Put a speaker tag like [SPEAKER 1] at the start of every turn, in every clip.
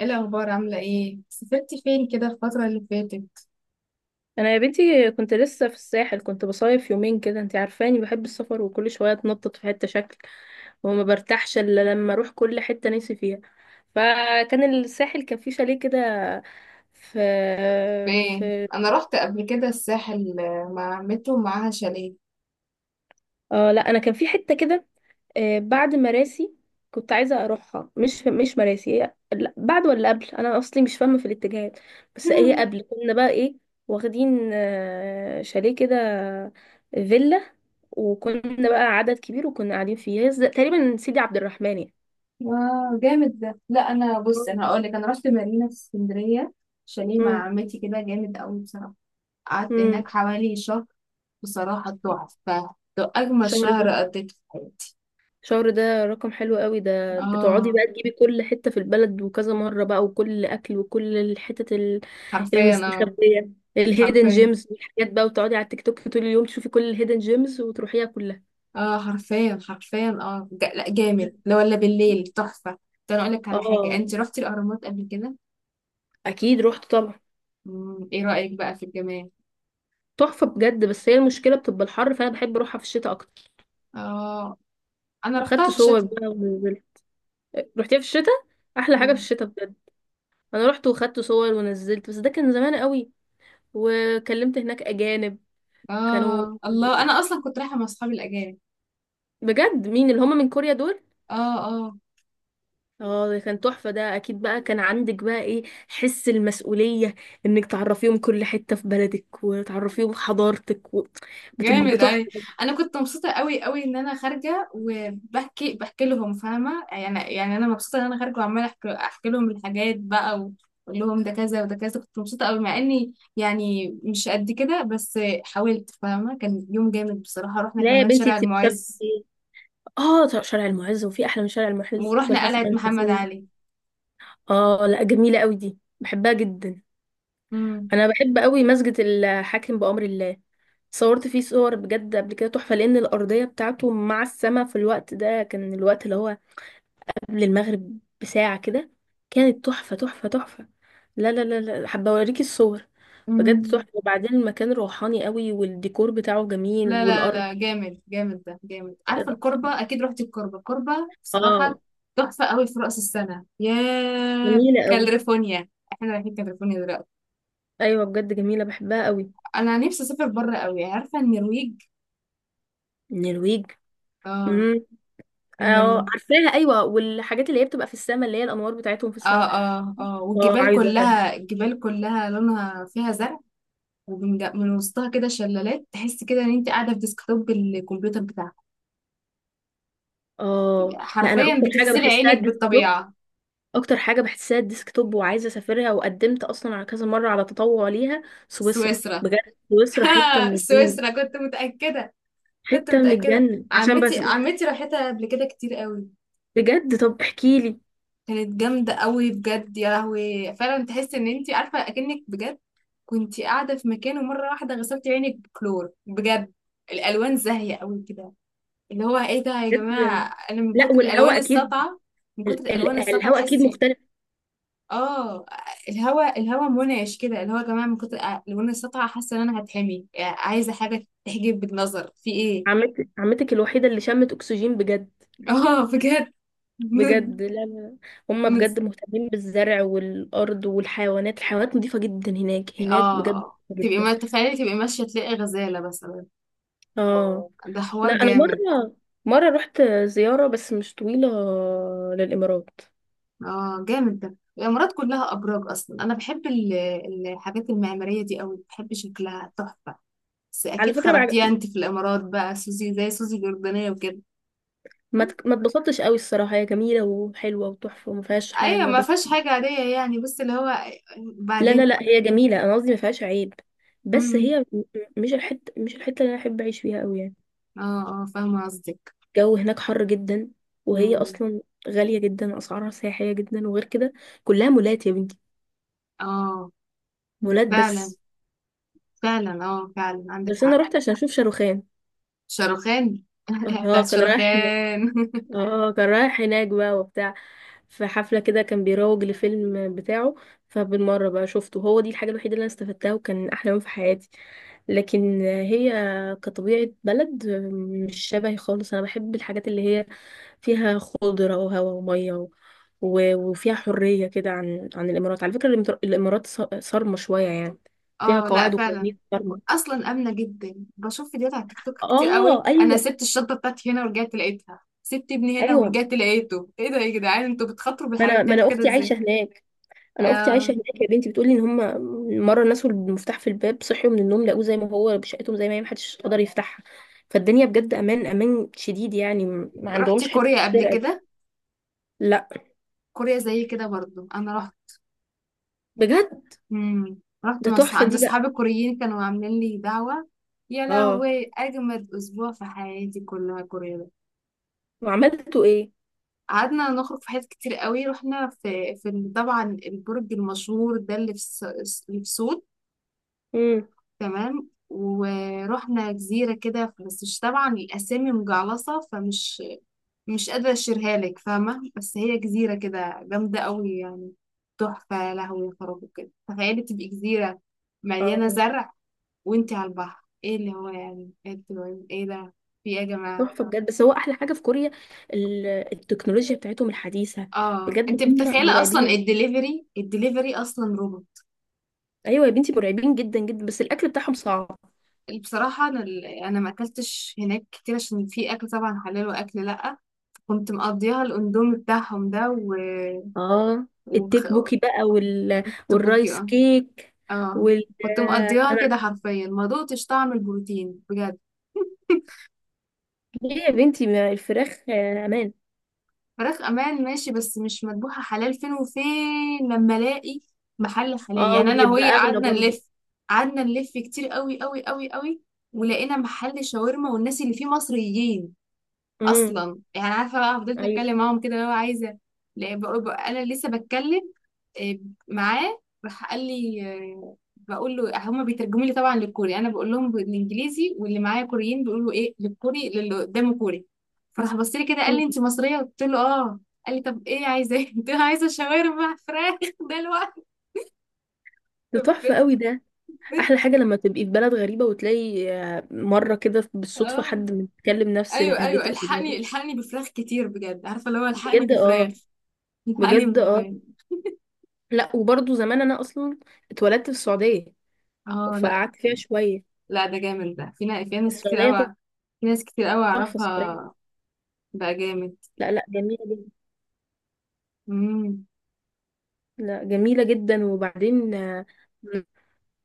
[SPEAKER 1] ايه الاخبار؟ عامله ايه؟ سافرتي فين كده الفتره اللي فاتت؟
[SPEAKER 2] انا يا بنتي كنت لسه في الساحل، كنت بصيف يومين كده. انت عارفاني بحب السفر وكل شويه اتنطط في حته شكل، وما برتاحش الا لما اروح كل حته نفسي فيها. فكان الساحل كان فيه شاليه كده في
[SPEAKER 1] فين؟
[SPEAKER 2] في
[SPEAKER 1] انا رحت قبل كده الساحل، آه، مع عمته ومعاها شاليه.
[SPEAKER 2] اه لا، انا كان في حته كده. بعد مراسي كنت عايزه اروحها، مش مراسي هي، لا، بعد ولا قبل. انا اصلي مش فاهمه في الاتجاهات. بس هي قبل كنا بقى ايه، واخدين شاليه كده، فيلا. وكنا بقى عدد كبير وكنا قاعدين فيه، هي تقريبا سيدي عبد الرحمن يعني.
[SPEAKER 1] واو، جامد ده. لا انا بص، انا هقول لك، انا رحت مارينا في اسكندريه. شاليه مع
[SPEAKER 2] امم.
[SPEAKER 1] عمتي كده، جامد قوي بصراحه. قعدت
[SPEAKER 2] امم.
[SPEAKER 1] هناك حوالي شهر. بصراحه تحفه، ده اجمل
[SPEAKER 2] الشهر
[SPEAKER 1] شهر
[SPEAKER 2] ده
[SPEAKER 1] قضيته في حياتي.
[SPEAKER 2] الشهر ده رقم حلو قوي، ده بتقعدي
[SPEAKER 1] اه،
[SPEAKER 2] بقى تجيبي كل حتة في البلد وكذا مرة بقى، وكل أكل وكل الحتت
[SPEAKER 1] حرفيا. اه،
[SPEAKER 2] المستخبية، الهيدن
[SPEAKER 1] حرفيا.
[SPEAKER 2] جيمز والحاجات بقى، وتقعدي على التيك توك طول اليوم تشوفي كل الهيدن جيمز وتروحيها كلها.
[SPEAKER 1] اه، حرفيا حرفيا، اه. لا جامد. لا ولا بالليل، تحفة. ده انا اقول لك على حاجة،
[SPEAKER 2] اه،
[SPEAKER 1] انت رحتي الاهرامات قبل كده؟
[SPEAKER 2] اكيد رحت طبعا.
[SPEAKER 1] ايه رأيك بقى في الجمال؟
[SPEAKER 2] تحفة بجد، بس هي المشكلة بتبقى الحر، فأنا بحب أروحها في الشتاء أكتر.
[SPEAKER 1] اه، انا رحتها
[SPEAKER 2] وخدت
[SPEAKER 1] في
[SPEAKER 2] صور
[SPEAKER 1] الشتاء.
[SPEAKER 2] بقى ونزلت. رحتيها في الشتاء؟ أحلى حاجة في
[SPEAKER 1] مم.
[SPEAKER 2] الشتاء. انا رحت وخدت صور ونزلت، بس ده كان زمان قوي. وكلمت هناك اجانب كانوا.
[SPEAKER 1] اه الله، انا اصلا كنت رايحة مع اصحابي الاجانب.
[SPEAKER 2] بجد، مين اللي هم من كوريا دول؟
[SPEAKER 1] اه. آه.
[SPEAKER 2] اه، ده كان تحفة. ده اكيد بقى كان عندك بقى ايه، حس المسؤولية، انك تعرفيهم كل حتة في بلدك وتعرفيهم حضارتك و. بتبقى
[SPEAKER 1] جامد
[SPEAKER 2] بتحفة.
[SPEAKER 1] أوي. أنا كنت مبسوطة أوي أوي إن أنا خارجة، وبحكي بحكي لهم، فاهمة؟ يعني أنا مبسوطة إن أنا خارجة وعمالة أحكي لهم الحاجات بقى، وأقول لهم ده كذا وده كذا، كنت مبسوطة أوي، مع إني يعني مش قد كده، بس حاولت. فاهمة؟ كان يوم جامد بصراحة. رحنا
[SPEAKER 2] لا يا
[SPEAKER 1] كمان
[SPEAKER 2] بنتي،
[SPEAKER 1] شارع
[SPEAKER 2] انت
[SPEAKER 1] المعز
[SPEAKER 2] بتسافري. اه، طب شارع المعز، وفي احلى من شارع المعز
[SPEAKER 1] ورحنا
[SPEAKER 2] والحسن
[SPEAKER 1] قلعة محمد
[SPEAKER 2] الحسين؟
[SPEAKER 1] علي.
[SPEAKER 2] اه، لا، جميلة قوي دي، بحبها جدا. انا بحب قوي مسجد الحاكم بأمر الله. صورت فيه صور بجد قبل كده تحفة، لان الارضية بتاعته مع السماء في الوقت ده كان الوقت اللي هو قبل المغرب بساعة كده. كانت تحفة تحفة تحفة. لا لا لا لا، حابة اوريكي الصور. بجد تحفة.
[SPEAKER 1] امم.
[SPEAKER 2] وبعدين المكان روحاني قوي، والديكور بتاعه جميل
[SPEAKER 1] لا لا
[SPEAKER 2] والارض.
[SPEAKER 1] لا، جامد جامد، ده جامد. عارف الكربة؟ أكيد رحت الكربة الكربة. بصراحة
[SPEAKER 2] اه،
[SPEAKER 1] تحفة قوي. في رأس السنة يا
[SPEAKER 2] جميلة قوي.
[SPEAKER 1] كاليفورنيا، احنا رايحين كاليفورنيا دلوقتي.
[SPEAKER 2] ايوه بجد، جميلة بحبها قوي.
[SPEAKER 1] أنا نفسي أسافر بره قوي. عارفة النرويج؟
[SPEAKER 2] النرويج.
[SPEAKER 1] اه،
[SPEAKER 2] امم. اه،
[SPEAKER 1] النرويج.
[SPEAKER 2] عارفاها ايوه. والحاجات اللي هي بتبقى في السماء، اللي هي الانوار بتاعتهم في
[SPEAKER 1] اه،
[SPEAKER 2] السماء.
[SPEAKER 1] اه، اه،
[SPEAKER 2] اه،
[SPEAKER 1] والجبال
[SPEAKER 2] عايزة.
[SPEAKER 1] كلها الجبال كلها لونها فيها زرع. ومن من وسطها كده شلالات، تحس كده ان انت قاعدة في ديسكتوب الكمبيوتر بتاعك.
[SPEAKER 2] اه، لا، انا
[SPEAKER 1] حرفيا،
[SPEAKER 2] اكتر حاجه
[SPEAKER 1] بتغسلي
[SPEAKER 2] بحسها
[SPEAKER 1] عينك
[SPEAKER 2] الديسكتوب.
[SPEAKER 1] بالطبيعة.
[SPEAKER 2] اكتر حاجه بحسها الديسكتوب، وعايزه اسافرها. وقدمت اصلا على كذا مره على تطوع ليها. سويسرا
[SPEAKER 1] سويسرا.
[SPEAKER 2] بجد. سويسرا حته من الجنه.
[SPEAKER 1] سويسرا، كنت متأكدة. كنت
[SPEAKER 2] حته من
[SPEAKER 1] متأكدة.
[SPEAKER 2] الجنه عشان
[SPEAKER 1] عمتي
[SPEAKER 2] بس.
[SPEAKER 1] عمتي راحتها قبل كده كتير قوي.
[SPEAKER 2] بجد، طب احكي لي.
[SPEAKER 1] كانت جامدة قوي بجد، يا لهوي. فعلا تحس ان انتي عارفة اكنك بجد كنتي قاعدة في مكان، ومرة واحدة غسلتي عينك بكلور، بجد. الالوان زاهية قوي كده، اللي هو ايه ده يا
[SPEAKER 2] بجد.
[SPEAKER 1] جماعة، انا من
[SPEAKER 2] لا،
[SPEAKER 1] كتر الالوان
[SPEAKER 2] والهواء اكيد.
[SPEAKER 1] الساطعة. من كتر الالوان الساطعة
[SPEAKER 2] الهواء اكيد
[SPEAKER 1] تحسي.
[SPEAKER 2] مختلف.
[SPEAKER 1] اه، الهوا منعش كده، اللي هو يا جماعة من كتر الالوان الساطعة، حاسة ان انا هتحمي، عايزة حاجة تحجب بالنظر في ايه.
[SPEAKER 2] عمتك الوحيده اللي شمت اكسجين بجد.
[SPEAKER 1] اه، بجد.
[SPEAKER 2] بجد، لا لا. هم
[SPEAKER 1] مت-
[SPEAKER 2] بجد مهتمين بالزرع والارض والحيوانات. الحيوانات نظيفه جدا هناك. هناك بجد
[SPEAKER 1] اه،
[SPEAKER 2] نظيفة
[SPEAKER 1] تبقي
[SPEAKER 2] جدا.
[SPEAKER 1] ما تخيلي، تبقي ماشية تلاقي غزالة مثلا.
[SPEAKER 2] اه،
[SPEAKER 1] ده حوار
[SPEAKER 2] لا، انا
[SPEAKER 1] جامد.
[SPEAKER 2] مره رحت زياره بس مش طويله، للامارات.
[SPEAKER 1] اه جامد ده، الإمارات كلها أبراج أصلا. أنا بحب الحاجات المعمارية دي أوي، بحب شكلها تحفة. بس
[SPEAKER 2] على
[SPEAKER 1] أكيد
[SPEAKER 2] فكره ما
[SPEAKER 1] خرجتيها
[SPEAKER 2] عج-
[SPEAKER 1] أنت في الإمارات بقى سوزي، زي سوزي الأردنية وكده.
[SPEAKER 2] ما اتك- ما اتبسطتش قوي الصراحه. هي جميله وحلوه وتحفه، وما فيهاش
[SPEAKER 1] أيوة
[SPEAKER 2] حاجه
[SPEAKER 1] ما
[SPEAKER 2] بس.
[SPEAKER 1] فيهاش حاجة عادية يعني، بس اللي هو
[SPEAKER 2] لا لا
[SPEAKER 1] بعدين.
[SPEAKER 2] لا، هي جميله، انا قصدي ما فيهاش عيب. بس
[SPEAKER 1] مم.
[SPEAKER 2] هي مش الحته اللي انا احب اعيش فيها قوي يعني.
[SPEAKER 1] اه، اه، فاهمة قصدك.
[SPEAKER 2] الجو هناك حر جدا، وهي
[SPEAKER 1] مم.
[SPEAKER 2] اصلا غاليه جدا، اسعارها سياحيه جدا. وغير كده كلها مولات يا بنتي.
[SPEAKER 1] اه،
[SPEAKER 2] مولات
[SPEAKER 1] فعلا
[SPEAKER 2] بس.
[SPEAKER 1] فعلا، اه فعلا عندك
[SPEAKER 2] بس انا
[SPEAKER 1] حق.
[SPEAKER 2] رحت عشان اشوف شاروخان.
[SPEAKER 1] شاروخان.
[SPEAKER 2] اه،
[SPEAKER 1] بتاعت
[SPEAKER 2] كان رايح.
[SPEAKER 1] شاروخان.
[SPEAKER 2] اه، كان رايح هناك بقى وبتاع، في حفلة كده كان بيروج لفيلم بتاعه. فبالمرة بقى شفته. هو دي الحاجة الوحيدة اللي انا استفدتها، وكان احلى يوم في حياتي. لكن هي كطبيعة بلد مش شبهي خالص. انا بحب الحاجات اللي هي فيها خضرة وهواء ومية و. وفيها حرية كده، عن الامارات. على فكرة الامارات صارمة شوية يعني، فيها
[SPEAKER 1] اه، لا
[SPEAKER 2] قواعد
[SPEAKER 1] فعلا.
[SPEAKER 2] وقوانين صارمة.
[SPEAKER 1] اصلا امنه جدا. بشوف فيديوهات على التيك توك كتير قوي.
[SPEAKER 2] اه،
[SPEAKER 1] انا
[SPEAKER 2] ايوه
[SPEAKER 1] سبت الشنطه بتاعتي هنا ورجعت لقيتها، سبت ابني هنا
[SPEAKER 2] ايوه.
[SPEAKER 1] ورجعت لقيته. ايه ده يا جدعان، انتوا بتخاطروا
[SPEAKER 2] ما
[SPEAKER 1] بالحاجات
[SPEAKER 2] انا ما
[SPEAKER 1] بتاعتكم
[SPEAKER 2] انا
[SPEAKER 1] كده
[SPEAKER 2] اختي
[SPEAKER 1] ازاي؟
[SPEAKER 2] عايشة هناك. انا اختي عايشه
[SPEAKER 1] آه.
[SPEAKER 2] هناك يا بنتي، بتقولي ان هم مره نسوا المفتاح في الباب، صحيوا من النوم لقوه زي ما هو بشقتهم زي ما هي، محدش قدر يفتحها. فالدنيا بجد امان، امان شديد يعني. ما
[SPEAKER 1] رحت
[SPEAKER 2] عندهمش حته
[SPEAKER 1] كوريا قبل
[SPEAKER 2] سرقه دي.
[SPEAKER 1] كده؟
[SPEAKER 2] لا
[SPEAKER 1] كوريا زي كده برضو، انا رحت.
[SPEAKER 2] بجد.
[SPEAKER 1] مم. رحت
[SPEAKER 2] ده
[SPEAKER 1] مصر
[SPEAKER 2] تحفه
[SPEAKER 1] عند
[SPEAKER 2] دي
[SPEAKER 1] اصحابي
[SPEAKER 2] بقى.
[SPEAKER 1] الكوريين، كانوا عاملين لي دعوه. يا
[SPEAKER 2] اه،
[SPEAKER 1] لهوي، اجمد اسبوع في حياتي كلها كوريا ده.
[SPEAKER 2] وعملتوا ايه؟
[SPEAKER 1] قعدنا نخرج في حاجات كتير قوي. رحنا في طبعا البرج المشهور ده، اللي في سول.
[SPEAKER 2] امم.
[SPEAKER 1] تمام. ورحنا جزيرة كده، بس مش طبعا الأسامي مجعلصة، فمش مش قادرة أشيرها لك، فاهمة؟ بس هي جزيرة كده جامدة قوي يعني، تحفة يا لهوي يا خرابي. كده تخيلي، تبقي جزيرة مليانة
[SPEAKER 2] اه،
[SPEAKER 1] زرع، وانتي على البحر، ايه اللي هو يعني، انتوا ايه ده، في ايه يا جماعة؟
[SPEAKER 2] تحفه بجد، بس هو احلى حاجه في كوريا ال- التكنولوجيا بتاعتهم الحديثه.
[SPEAKER 1] اه،
[SPEAKER 2] بجد
[SPEAKER 1] انت
[SPEAKER 2] هم
[SPEAKER 1] متخيلة؟ اصلا
[SPEAKER 2] مرعبين.
[SPEAKER 1] الدليفري اصلا روبوت.
[SPEAKER 2] ايوه يا بنتي، مرعبين جدا جدا. بس الاكل بتاعهم صعب.
[SPEAKER 1] بصراحة، انا ما اكلتش هناك كتير، عشان في اكل طبعا حلال واكل لا. كنت مقضيها الاندومي بتاعهم ده و...
[SPEAKER 2] اه،
[SPEAKER 1] وخ...
[SPEAKER 2] التيك بوكي بقى، وال.
[SPEAKER 1] تبوكي.
[SPEAKER 2] والرايس
[SPEAKER 1] اه.
[SPEAKER 2] كيك،
[SPEAKER 1] اه،
[SPEAKER 2] وال.
[SPEAKER 1] كنت مقضيها كده
[SPEAKER 2] انا
[SPEAKER 1] حرفيا، ما دقتش طعم البروتين بجد.
[SPEAKER 2] ليه يا بنتي؟ ما الفراخ امان.
[SPEAKER 1] فراخ امان ماشي، بس مش مذبوحه حلال، فين وفين لما الاقي محل حلال؟
[SPEAKER 2] اه،
[SPEAKER 1] يعني انا
[SPEAKER 2] وبيبقى
[SPEAKER 1] وهي
[SPEAKER 2] اغلى
[SPEAKER 1] قعدنا
[SPEAKER 2] برضه.
[SPEAKER 1] نلف، قعدنا نلف كتير قوي قوي قوي قوي، ولقينا محل شاورما والناس اللي فيه مصريين،
[SPEAKER 2] امم.
[SPEAKER 1] اصلا يعني، عارفه بقى، فضلت
[SPEAKER 2] ايوه
[SPEAKER 1] اتكلم معاهم كده لو عايزه. لا، انا لسه بتكلم. آه، معاه، راح قال لي، بقول له هما بيترجموا لي طبعا للكوري، انا بقول لهم بالانجليزي، واللي معايا كوريين بيقولوا ايه للكوري، للي قدامه كوري. فراح بص لي كده، قال لي انت مصريه؟ قلت له اه. قال لي طب ايه عايزه؟ إيه؟ قلت له عايزه شاورما فراخ. ده الوقت!
[SPEAKER 2] ده
[SPEAKER 1] طب
[SPEAKER 2] تحفة قوي ده. احلى
[SPEAKER 1] بت-
[SPEAKER 2] حاجة لما تبقي في بلد غريبة، وتلاقي مرة كده بالصدفة
[SPEAKER 1] اه،
[SPEAKER 2] حد بيتكلم نفس
[SPEAKER 1] ايوه ايوه،
[SPEAKER 2] لهجتك وبلدك.
[SPEAKER 1] الحقني الحقني بفراخ كتير بجد، عارفه اللي هو، الحقني
[SPEAKER 2] بجد
[SPEAKER 1] بفراخ.
[SPEAKER 2] اه.
[SPEAKER 1] الحقني
[SPEAKER 2] بجد اه.
[SPEAKER 1] بفراخ.
[SPEAKER 2] لا، وبرضه زمان انا اصلا اتولدت في السعودية،
[SPEAKER 1] اه، لا
[SPEAKER 2] فقعدت فيها شوية.
[SPEAKER 1] لا، ده جامد ده، في ناس كتير
[SPEAKER 2] السعودية
[SPEAKER 1] قوي، في ناس كتير قوي
[SPEAKER 2] تحفة الصراحة.
[SPEAKER 1] اعرفها. بقى جامد.
[SPEAKER 2] لا لا، جميلة جدا.
[SPEAKER 1] امم.
[SPEAKER 2] لا، جميلة جدا. وبعدين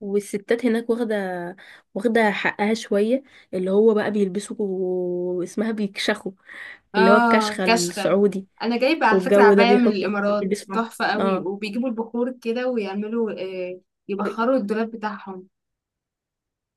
[SPEAKER 2] والستات هناك واخدة حقها شوية، اللي هو بقى بيلبسوا واسمها بيكشخوا. اللي هو
[SPEAKER 1] اه،
[SPEAKER 2] الكشخة
[SPEAKER 1] كشخة.
[SPEAKER 2] السعودي.
[SPEAKER 1] انا جايبه على فكره
[SPEAKER 2] والجو ده
[SPEAKER 1] عبايه من
[SPEAKER 2] بيحطوا
[SPEAKER 1] الامارات،
[SPEAKER 2] بيلبسوا.
[SPEAKER 1] تحفه قوي.
[SPEAKER 2] اه،
[SPEAKER 1] وبيجيبوا البخور كده، ويعملوا يبخروا الدولاب بتاعهم.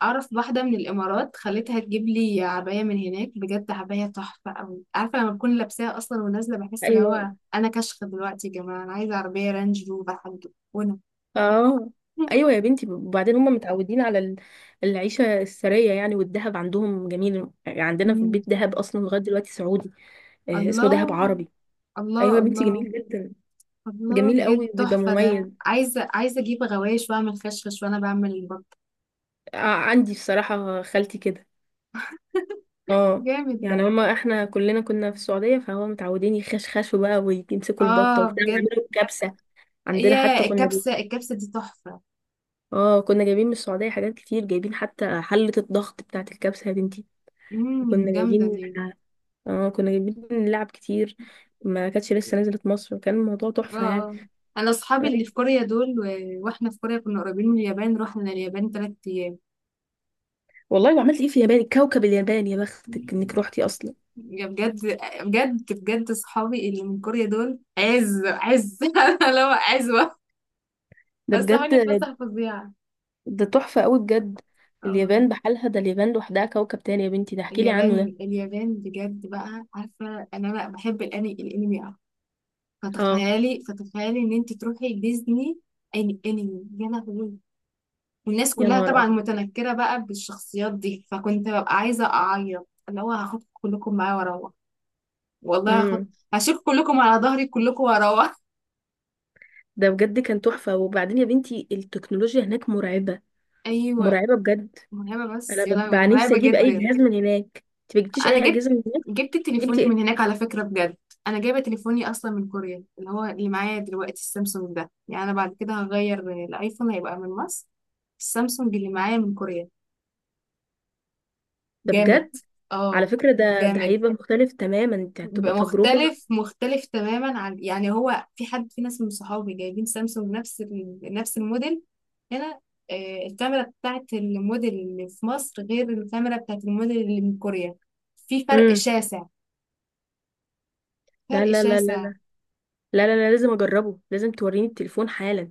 [SPEAKER 1] اعرف واحده من الامارات، خليتها تجيب لي عبايه من هناك بجد، عبايه تحفه قوي. عارفه لما بكون لابساها اصلا ونازله، بحس اللي
[SPEAKER 2] ايوه.
[SPEAKER 1] هو انا كشخه دلوقتي يا جماعه، انا عايزه عربيه رانج روفر حاجه، وانا
[SPEAKER 2] اه، ايوه يا بنتي. وبعدين هم متعودين على العيشة السرية يعني، والذهب عندهم جميل. عندنا في
[SPEAKER 1] مم.
[SPEAKER 2] البيت ذهب اصلا لغاية دلوقتي سعودي، اسمه
[SPEAKER 1] الله.
[SPEAKER 2] ذهب عربي.
[SPEAKER 1] الله
[SPEAKER 2] ايوه يا بنتي،
[SPEAKER 1] الله.
[SPEAKER 2] جميل جدا.
[SPEAKER 1] الله
[SPEAKER 2] جميل
[SPEAKER 1] بجد،
[SPEAKER 2] قوي وبيبقى
[SPEAKER 1] تحفة ده.
[SPEAKER 2] مميز.
[SPEAKER 1] عايزة أجيب غوايش وأعمل خشخش، وأنا بعمل البطة.
[SPEAKER 2] عندي بصراحة خالتي كده. اه،
[SPEAKER 1] جامد
[SPEAKER 2] يعني
[SPEAKER 1] ده.
[SPEAKER 2] هما احنا كلنا كنا في السعودية، فهو متعودين يخشخشوا بقى ويمسكوا البطة
[SPEAKER 1] آه
[SPEAKER 2] وبتاع
[SPEAKER 1] بجد.
[SPEAKER 2] ويعملوا الكبسة. عندنا
[SPEAKER 1] يا،
[SPEAKER 2] حتى كنا
[SPEAKER 1] الكبسة
[SPEAKER 2] جايبين.
[SPEAKER 1] الكبسة دي تحفة!
[SPEAKER 2] اه، كنا جايبين من السعودية حاجات كتير، جايبين حتى حلة الضغط بتاعة الكبسة يا بنتي. وكنا
[SPEAKER 1] جامدة
[SPEAKER 2] جايبين.
[SPEAKER 1] دي.
[SPEAKER 2] اه، كنا جايبين لعب كتير. ما كانتش لسه نزلت مصر، وكان الموضوع
[SPEAKER 1] اه،
[SPEAKER 2] تحفة يعني.
[SPEAKER 1] اه، أنا أصحابي اللي
[SPEAKER 2] أيوة.
[SPEAKER 1] في كوريا دول و... وإحنا في كوريا كنا قريبين من اليابان، رحنا اليابان 3 أيام.
[SPEAKER 2] والله، وعملت ايه في اليابان؟ كوكب اليابان، يا بختك انك روحتي اصلا.
[SPEAKER 1] يا، بجد. بجد بجد، صحابي اللي من كوريا دول عز عز. أنا لو عزوة،
[SPEAKER 2] ده
[SPEAKER 1] بس
[SPEAKER 2] بجد.
[SPEAKER 1] حالي فسحة فظيعة.
[SPEAKER 2] ده تحفة قوي بجد.
[SPEAKER 1] اه والله.
[SPEAKER 2] اليابان بحالها، ده اليابان لوحدها كوكب تاني يا بنتي ده، احكيلي عنه ده.
[SPEAKER 1] اليابان، اليابان بجد بقى! عارفة ان انا بحب الانمي أوي.
[SPEAKER 2] اه.
[SPEAKER 1] فتخيلي ان انت تروحي ديزني اني انمي، يا لهوي! والناس
[SPEAKER 2] يا
[SPEAKER 1] كلها
[SPEAKER 2] نهار
[SPEAKER 1] طبعا
[SPEAKER 2] ابيض.
[SPEAKER 1] متنكرة بقى بالشخصيات دي، فكنت ببقى عايزة اعيط، اللي هو هاخد كلكم معايا واروح. والله هاخد،
[SPEAKER 2] امم.
[SPEAKER 1] هشيل كلكم على ظهري كلكم واروح.
[SPEAKER 2] ده بجد كان تحفة. وبعدين يا بنتي التكنولوجيا هناك مرعبة.
[SPEAKER 1] ايوه.
[SPEAKER 2] مرعبة بجد.
[SPEAKER 1] مرعبة،
[SPEAKER 2] انا
[SPEAKER 1] بس يا لهوي
[SPEAKER 2] ببقى نفسي
[SPEAKER 1] مرعبة
[SPEAKER 2] اجيب اي
[SPEAKER 1] جدا.
[SPEAKER 2] جهاز من هناك. انت ما جبتيش
[SPEAKER 1] انا
[SPEAKER 2] اي
[SPEAKER 1] جبت،
[SPEAKER 2] اجهزة من هناك؟
[SPEAKER 1] جبت تليفوني
[SPEAKER 2] جبتي
[SPEAKER 1] من
[SPEAKER 2] ايه؟
[SPEAKER 1] هناك على فكرة، بجد. انا جايبة تليفوني اصلا من كوريا، اللي هو اللي معايا دلوقتي السامسونج ده. يعني انا بعد كده هغير، الايفون هيبقى من مصر، السامسونج اللي معايا من كوريا.
[SPEAKER 2] ده بجد.
[SPEAKER 1] جامد.
[SPEAKER 2] على
[SPEAKER 1] اه
[SPEAKER 2] فكرة ده
[SPEAKER 1] جامد،
[SPEAKER 2] هيبقى مختلف تماما. انت
[SPEAKER 1] بيبقى
[SPEAKER 2] هتبقى تجربة.
[SPEAKER 1] مختلف مختلف تماما عن، يعني هو في حد، في ناس من صحابي جايبين سامسونج نفس الموديل هنا. الكاميرا بتاعت الموديل اللي في مصر غير الكاميرا بتاعت الموديل اللي من كوريا، في فرق
[SPEAKER 2] امم.
[SPEAKER 1] شاسع،
[SPEAKER 2] لا
[SPEAKER 1] فرق
[SPEAKER 2] لا لا لا
[SPEAKER 1] شاسع.
[SPEAKER 2] لا لا لا لا لازم اجربه. لازم توريني التليفون حالا.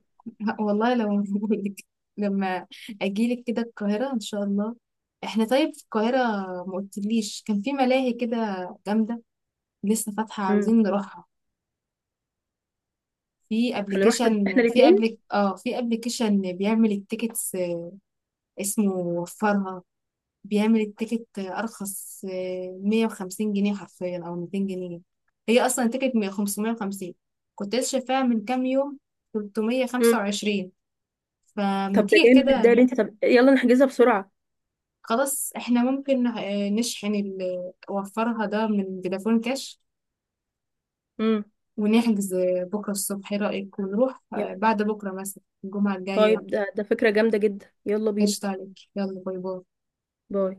[SPEAKER 1] والله لو موجود. لما اجيلك كده القاهرة ان شاء الله. احنا طيب، في القاهرة ما قلتليش كان في ملاهي كده جامدة، لسه فاتحة،
[SPEAKER 2] امم.
[SPEAKER 1] عاوزين نروحها. في
[SPEAKER 2] هنروح احنا
[SPEAKER 1] ابلكيشن في
[SPEAKER 2] الاثنين.
[SPEAKER 1] ابلك اه في ابلكيشن بيعمل التيكتس، اسمه وفرها. بيعمل التيكت ارخص، 150 جنيه حرفيا، او 200 جنيه. هي اصلا تيكت 550، كنت لسه شايفاها من كام يوم،
[SPEAKER 2] امم.
[SPEAKER 1] 325. فما
[SPEAKER 2] طب ده
[SPEAKER 1] تيجي
[SPEAKER 2] جامد، ده
[SPEAKER 1] كده،
[SPEAKER 2] اللي انت. طب يلا نحجزها بسرعة.
[SPEAKER 1] خلاص، احنا ممكن نشحن اللي وفرها ده من فودافون كاش،
[SPEAKER 2] امم.
[SPEAKER 1] ونحجز بكرة الصبح. ايه رأيك ونروح
[SPEAKER 2] يا.
[SPEAKER 1] بعد بكرة مثلا، الجمعة الجاية؟
[SPEAKER 2] طيب ده فكرة جامدة جدا، يلا بينا.
[SPEAKER 1] قشطة عليك، يلا باي باي.
[SPEAKER 2] باي.